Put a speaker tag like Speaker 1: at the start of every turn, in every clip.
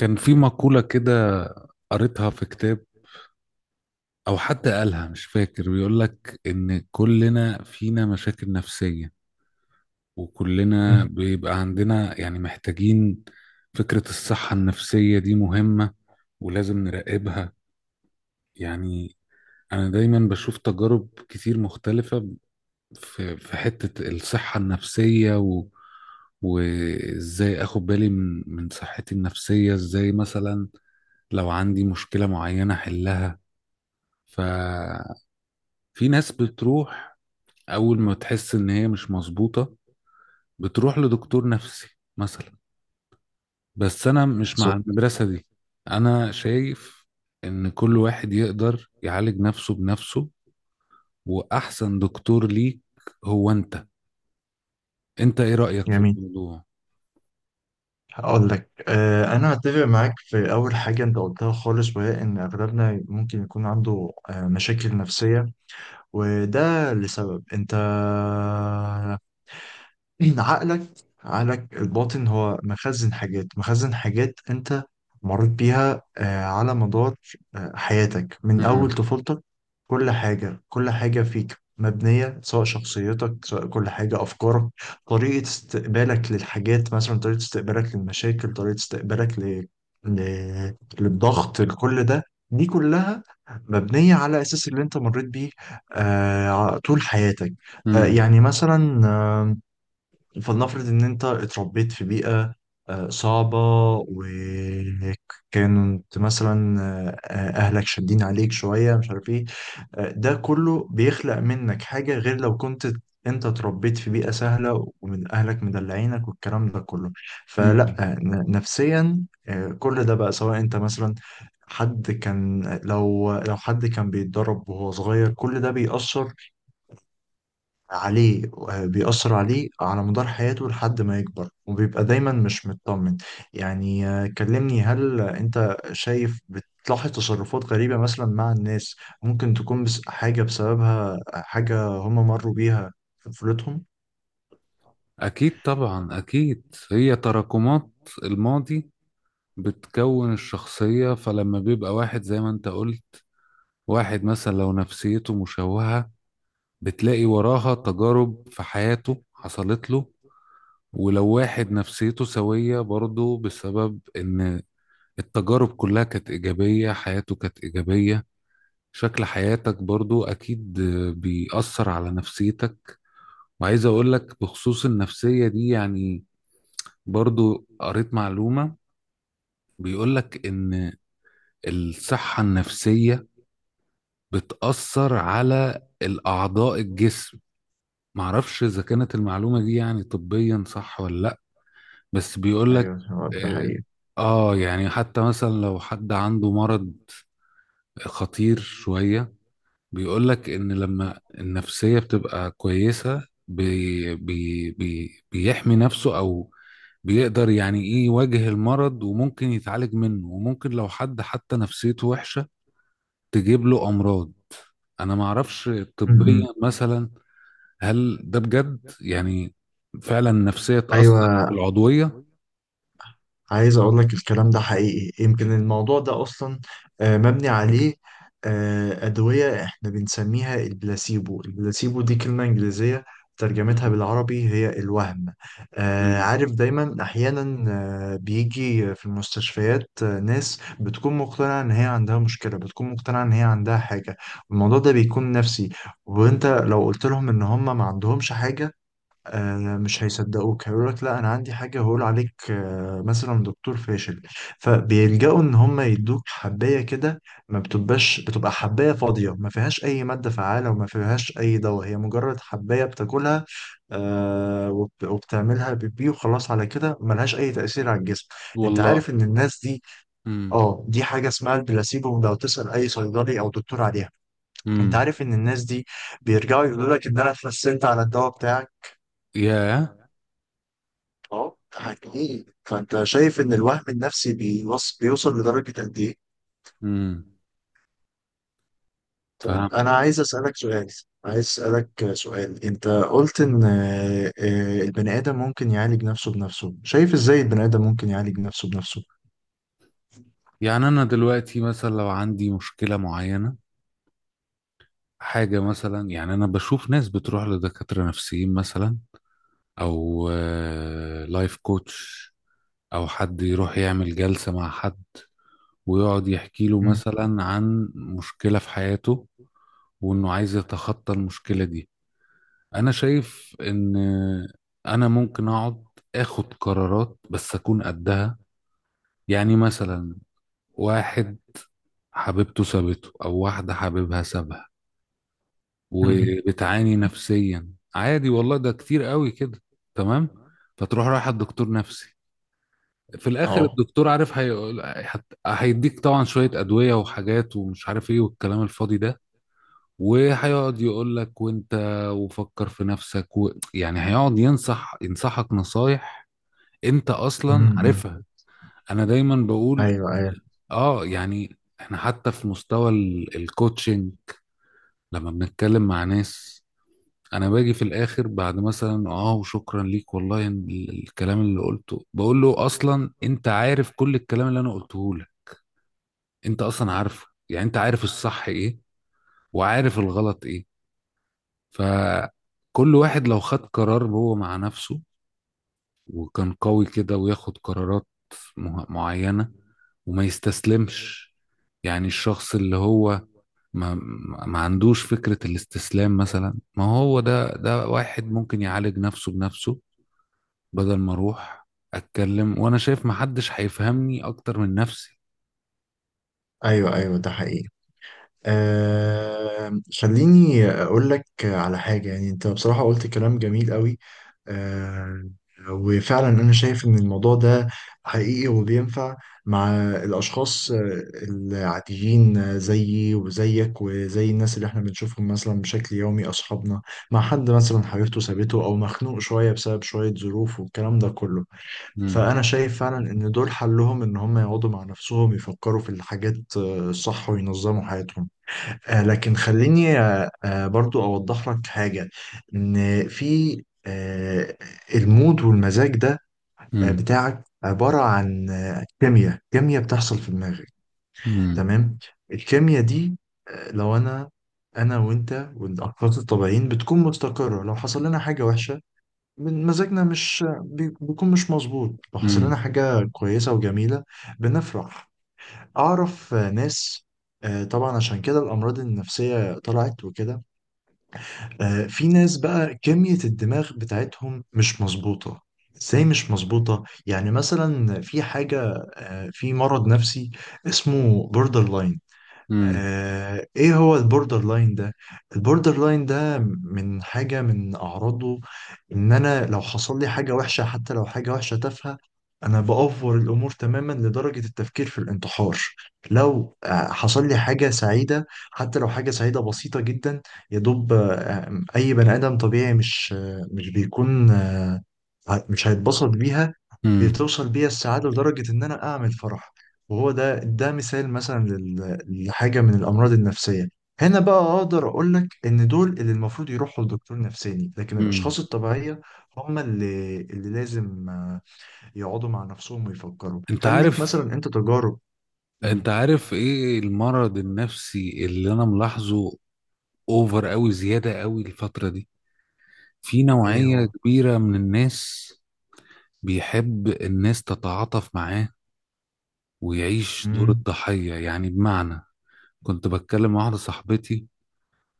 Speaker 1: كان في مقولة كده، قريتها في كتاب أو حد قالها مش فاكر، بيقول لك إن كلنا فينا مشاكل نفسية وكلنا
Speaker 2: مم.
Speaker 1: بيبقى عندنا يعني محتاجين. فكرة الصحة النفسية دي مهمة ولازم نراقبها يعني. أنا دايما بشوف تجارب كتير مختلفة في حتة الصحة النفسية وازاي اخد بالي من صحتي النفسية، ازاي مثلا لو عندي مشكلة معينة احلها. ففي ناس بتروح، اول ما تحس ان هي مش مظبوطة بتروح لدكتور نفسي مثلا. بس انا مش مع
Speaker 2: صوت
Speaker 1: المدرسة دي. انا شايف ان كل واحد يقدر يعالج نفسه بنفسه، واحسن دكتور ليك هو انت. انت ايه رأيك في
Speaker 2: جميل.
Speaker 1: الموضوع؟
Speaker 2: هقول لك انا اتفق معاك في اول حاجه انت قلتها خالص، وهي ان اغلبنا ممكن يكون عنده مشاكل نفسيه. وده لسبب انت إن عقلك الباطن هو مخزن حاجات أنت مريت بيها على مدار حياتك من أول
Speaker 1: مم.
Speaker 2: طفولتك. كل حاجة كل حاجة فيك مبنية، سواء شخصيتك، سواء كل حاجة، أفكارك، طريقة استقبالك للحاجات مثلا، طريقة استقبالك للمشاكل، طريقة استقبالك ل... للضغط، لكل ده. دي كلها مبنية على أساس اللي أنت مريت بيه طول حياتك.
Speaker 1: مم.
Speaker 2: يعني مثلا، فلنفرض ان انت اتربيت في بيئة صعبة، وكانت مثلا اهلك شادين عليك شوية، مش عارف ايه. ده كله بيخلق منك حاجة غير لو كنت انت اتربيت في بيئة سهلة ومن اهلك مدلعينك والكلام ده كله.
Speaker 1: مم.
Speaker 2: فلا نفسيا، كل ده بقى سواء انت مثلا حد كان، لو حد كان بيتدرب وهو صغير، كل ده بيأثر عليه، بيأثر عليه على مدار حياته لحد ما يكبر، وبيبقى دايما مش مطمن. يعني كلمني، هل انت شايف بتلاحظ تصرفات غريبة مثلا مع الناس، ممكن تكون بس حاجة بسببها حاجة هم مروا بيها في طفولتهم؟
Speaker 1: اكيد طبعا اكيد، هي تراكمات الماضي بتكون الشخصية. فلما بيبقى واحد، زي ما انت قلت، واحد مثلا لو نفسيته مشوهة بتلاقي وراها تجارب في حياته حصلت له. ولو واحد نفسيته سوية برضه، بسبب إن التجارب كلها كانت إيجابية، حياته كانت إيجابية. شكل حياتك برضو أكيد بيأثر على نفسيتك. وعايز أقولك بخصوص النفسية دي يعني، برضو قريت معلومة بيقولك إن الصحة النفسية بتأثر على الأعضاء الجسم. معرفش اذا كانت المعلومه دي يعني طبيا صح ولا لا، بس بيقول لك.
Speaker 2: ايوه، هو ده
Speaker 1: اه.
Speaker 2: حقيقي.
Speaker 1: يعني حتى مثلا لو حد عنده مرض خطير شويه، بيقول لك ان لما النفسيه بتبقى كويسه بي بي بي بيحمي نفسه، او بيقدر يعني ايه يواجه المرض، وممكن يتعالج منه، وممكن لو حد حتى نفسيته وحشه تجيب له امراض. انا معرفش
Speaker 2: م-
Speaker 1: طبيا
Speaker 2: م.
Speaker 1: مثلا، هل ده بجد يعني فعلا نفسية تأثر
Speaker 2: ايوه،
Speaker 1: في العضوية؟
Speaker 2: عايز اقول لك الكلام ده حقيقي. يمكن الموضوع ده اصلا مبني عليه. ادويه احنا بنسميها البلاسيبو. البلاسيبو دي كلمه انجليزيه، ترجمتها
Speaker 1: مم.
Speaker 2: بالعربي هي الوهم.
Speaker 1: مم.
Speaker 2: عارف، دايما احيانا بيجي في المستشفيات ناس بتكون مقتنعه ان هي عندها مشكله، بتكون مقتنعه ان هي عندها حاجه. الموضوع ده بيكون نفسي. وانت لو قلت لهم ان هم ما عندهمش حاجه مش هيصدقوك، هيقول لك لا انا عندي حاجه، هقول عليك مثلا دكتور فاشل. فبيلجأوا ان هم يدوك حبايه كده، ما بتبقاش، بتبقى حبايه فاضيه، ما فيهاش اي ماده فعاله وما فيهاش اي دواء، هي مجرد حبايه بتاكلها وبتعملها بيبي وخلاص. على كده ملهاش اي تاثير على الجسم. انت عارف
Speaker 1: والله.
Speaker 2: ان الناس دي،
Speaker 1: امم.
Speaker 2: اه دي حاجه اسمها البلاسيبو، لو تسال اي صيدلي او دكتور عليها. انت
Speaker 1: امم.
Speaker 2: عارف ان الناس دي بيرجعوا يقولوا لك ان انا اتحسنت على الدواء بتاعك.
Speaker 1: ياه.
Speaker 2: اه، حقيقي. فانت شايف ان الوهم النفسي بيوصل لدرجة قد ايه؟
Speaker 1: امم.
Speaker 2: طيب،
Speaker 1: فهمت.
Speaker 2: انا عايز اسألك سؤال. انت قلت ان البني ادم ممكن يعالج نفسه بنفسه، شايف ازاي البني ادم ممكن يعالج نفسه بنفسه؟
Speaker 1: يعني أنا دلوقتي مثلا لو عندي مشكلة معينة، حاجة مثلا، يعني أنا بشوف ناس بتروح لدكاترة نفسيين مثلا، أو لايف كوتش، أو حد يروح يعمل جلسة مع حد ويقعد يحكي له
Speaker 2: مم.
Speaker 1: مثلا عن مشكلة في حياته وإنه عايز يتخطى المشكلة دي. انا شايف ان انا ممكن اقعد اخد قرارات بس اكون قدها. يعني مثلا واحد حبيبته سابته او واحدة حبيبها سابها وبتعاني نفسيا، عادي والله ده كتير قوي كده، تمام. فتروح رايح الدكتور نفسي، في الاخر
Speaker 2: اه.
Speaker 1: الدكتور عارف هيقول هيديك طبعا شوية ادوية وحاجات ومش عارف ايه والكلام الفاضي ده. وهيقعد يقول لك وانت وفكر في نفسك يعني هيقعد ينصحك نصايح انت
Speaker 2: مم،
Speaker 1: اصلا
Speaker 2: مم.
Speaker 1: عارفها. انا دايما بقول،
Speaker 2: ايوه، ايوه،
Speaker 1: اه، يعني احنا حتى في مستوى الكوتشنج، لما بنتكلم مع ناس، انا باجي في الاخر بعد مثلا اه وشكرا ليك والله إن الكلام اللي قلته، بقول له اصلا انت عارف كل الكلام اللي انا قلته لك. انت اصلا عارفه، يعني انت عارف الصح ايه وعارف الغلط ايه. فكل واحد لو خد قرار هو مع نفسه وكان قوي كده وياخد قرارات معينة وما يستسلمش. يعني الشخص اللي هو ما ما عندوش فكرة الاستسلام مثلا، ما هو ده واحد ممكن يعالج نفسه بنفسه، بدل ما اروح اتكلم وانا شايف ما حدش هيفهمني اكتر من نفسي.
Speaker 2: ايوه، ايوه، ده حقيقي. خليني أقول لك على حاجة. يعني أنت بصراحة قلت كلام جميل قوي. آه وفعلا أنا شايف إن الموضوع ده حقيقي وبينفع مع الأشخاص العاديين، زيي وزيك وزي الناس اللي إحنا بنشوفهم مثلا بشكل يومي، أصحابنا، مع حد مثلا حبيبته سابته، أو مخنوق شوية بسبب شوية ظروف والكلام ده كله.
Speaker 1: مم.
Speaker 2: فأنا شايف فعلا إن دول حلهم إن هم يقعدوا مع نفسهم يفكروا في الحاجات الصح، وينظموا حياتهم. لكن خليني برضو أوضح لك حاجة، إن في آه، المود والمزاج ده
Speaker 1: مم.
Speaker 2: بتاعك عبارة عن كيمياء، كيمياء بتحصل في دماغك.
Speaker 1: مم.
Speaker 2: تمام. الكيمياء دي لو أنا وأنت والأشخاص الطبيعيين بتكون مستقرة. لو حصل لنا حاجة وحشة، من مزاجنا مش بيكون مش مظبوط. لو حصل لنا
Speaker 1: مم.
Speaker 2: حاجة كويسة وجميلة بنفرح. أعرف ناس. طبعا عشان كده الأمراض النفسية طلعت وكده. في ناس بقى كمية الدماغ بتاعتهم مش مظبوطة. ازاي مش مظبوطة؟ يعني مثلا في حاجة في مرض نفسي اسمه بوردر لاين.
Speaker 1: مم.
Speaker 2: ايه هو البوردر لاين ده؟ البوردر لاين ده من حاجة من اعراضه ان انا لو حصل لي حاجة وحشة، حتى لو حاجة وحشة تافهة، انا بأفور الامور تماما لدرجة التفكير في الانتحار. لو حصل لي حاجة سعيدة، حتى لو حاجة سعيدة بسيطة جدا، يا دوب اي بني ادم طبيعي مش بيكون مش هيتبسط بيها،
Speaker 1: مم.
Speaker 2: بتوصل بيها السعادة لدرجة إن أنا أعمل فرح. وهو ده مثال مثلا لحاجة من الأمراض النفسية. هنا بقى أقدر أقول لك إن دول اللي المفروض يروحوا لدكتور نفساني. لكن الأشخاص
Speaker 1: مم.
Speaker 2: الطبيعية هم اللي لازم يقعدوا مع نفسهم ويفكروا
Speaker 1: انت
Speaker 2: هل ليك
Speaker 1: عارف
Speaker 2: مثلا أنت تجارب.
Speaker 1: انت
Speaker 2: مم.
Speaker 1: عارف ايه المرض النفسي اللي انا ملاحظه اوفر قوي، زيادة قوي الفترة دي، في
Speaker 2: إيه
Speaker 1: نوعية
Speaker 2: هو؟
Speaker 1: كبيرة من الناس بيحب الناس تتعاطف معاه ويعيش دور
Speaker 2: مم.
Speaker 1: الضحية، يعني بمعنى، كنت بتكلم مع واحدة صاحبتي،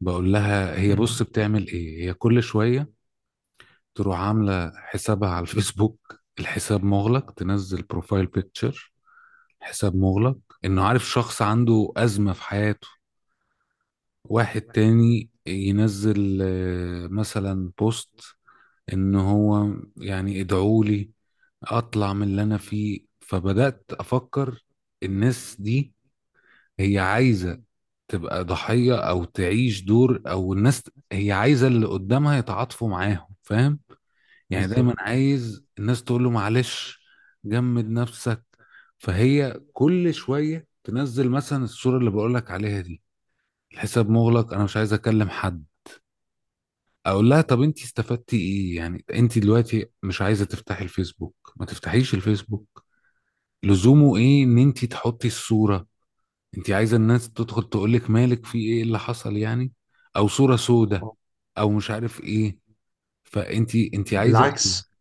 Speaker 1: بقول لها هي بص بتعمل ايه هي كل شوية، تروح عاملة حسابها على الفيسبوك، الحساب مغلق، تنزل بروفايل بيكتشر، حساب مغلق، انه عارف شخص عنده أزمة في حياته. واحد تاني ينزل مثلا بوست ان هو يعني ادعوا لي اطلع من اللي انا فيه. فبدأت افكر الناس دي، هي عايزة تبقى ضحية او تعيش دور، او الناس هي عايزة اللي قدامها يتعاطفوا معاهم، فاهم يعني؟ دايما
Speaker 2: بالظبط.
Speaker 1: عايز الناس تقول له معلش، جمد نفسك. فهي كل شوية تنزل مثلا الصورة اللي بقولك عليها دي، الحساب مغلق، انا مش عايز اكلم حد. اقول لها طب انت استفدتي ايه؟ يعني انت دلوقتي مش عايزه تفتحي الفيسبوك، ما تفتحيش الفيسبوك، لزومه ايه ان انت تحطي الصوره؟ انت عايزه الناس تدخل تقول لك مالك، في ايه اللي حصل يعني؟ او صوره سودة،
Speaker 2: آه.
Speaker 1: او مش عارف ايه، فانت عايزه ايه؟
Speaker 2: بالعكس،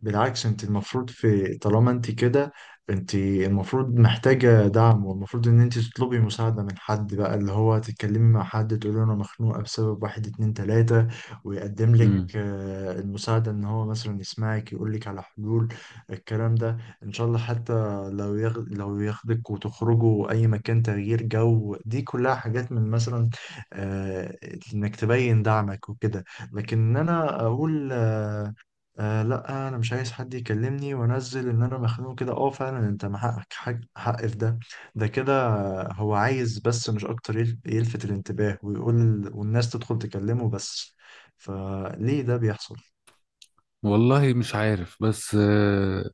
Speaker 2: بالعكس انت المفروض في، طالما انت كده، انت المفروض محتاجة دعم، والمفروض ان انت تطلبي مساعدة من حد، بقى اللي هو تتكلمي مع حد تقولي له انا مخنوقة بسبب واحد اتنين تلاتة. ويقدم لك
Speaker 1: امم.
Speaker 2: المساعدة، ان هو مثلا يسمعك، يقول لك على حلول، الكلام ده ان شاء الله. حتى لو ياخدك وتخرجوا اي مكان، تغيير جو، دي كلها حاجات من مثلا آه، انك تبين دعمك وكده. لكن إن انا اقول آه لا انا مش عايز حد يكلمني، وانزل ان انا مخنوق كده. اه، فعلا انت مع حقك، حق في ده. ده كده، هو عايز بس مش اكتر يلفت الانتباه، ويقول والناس تدخل تكلمه بس. فليه ده بيحصل؟
Speaker 1: والله مش عارف، بس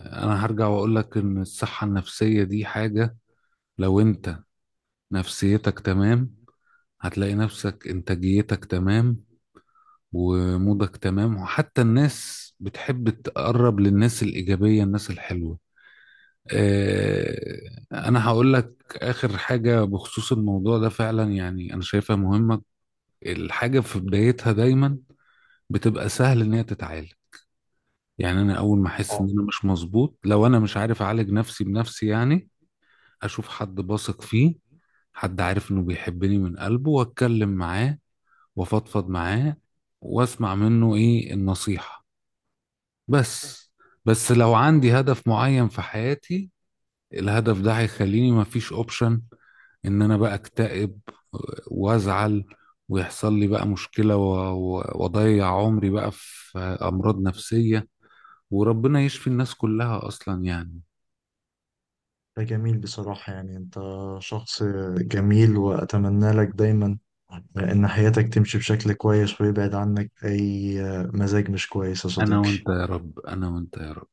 Speaker 1: انا هرجع واقول لك ان الصحه النفسيه دي حاجه، لو انت نفسيتك تمام، هتلاقي نفسك انتاجيتك تمام ومودك تمام، وحتى الناس بتحب تقرب للناس الإيجابية، الناس الحلوة. أنا هقول لك آخر حاجة بخصوص الموضوع ده، فعلا يعني أنا شايفها مهمة. الحاجة في بدايتها دايما بتبقى سهل إن هي تتعالج. يعني أنا أول ما أحس
Speaker 2: اه،
Speaker 1: إن أنا مش مظبوط، لو أنا مش عارف أعالج نفسي بنفسي يعني، أشوف حد بثق فيه، حد عارف إنه بيحبني من قلبه، وأتكلم معاه وأفضفض معاه وأسمع منه إيه النصيحة. بس بس لو عندي هدف معين في حياتي، الهدف ده هيخليني مفيش اوبشن ان انا بقى اكتئب وازعل ويحصل لي بقى مشكلة، واضيع عمري بقى في امراض نفسية، وربنا يشفي الناس كلها اصلا يعني.
Speaker 2: ده جميل بصراحة. يعني انت شخص جميل، واتمنى لك دايما ان حياتك تمشي بشكل كويس، ويبعد عنك اي مزاج مش كويس يا
Speaker 1: انا
Speaker 2: صديقي.
Speaker 1: وانت يا رب، انا وانت يا رب.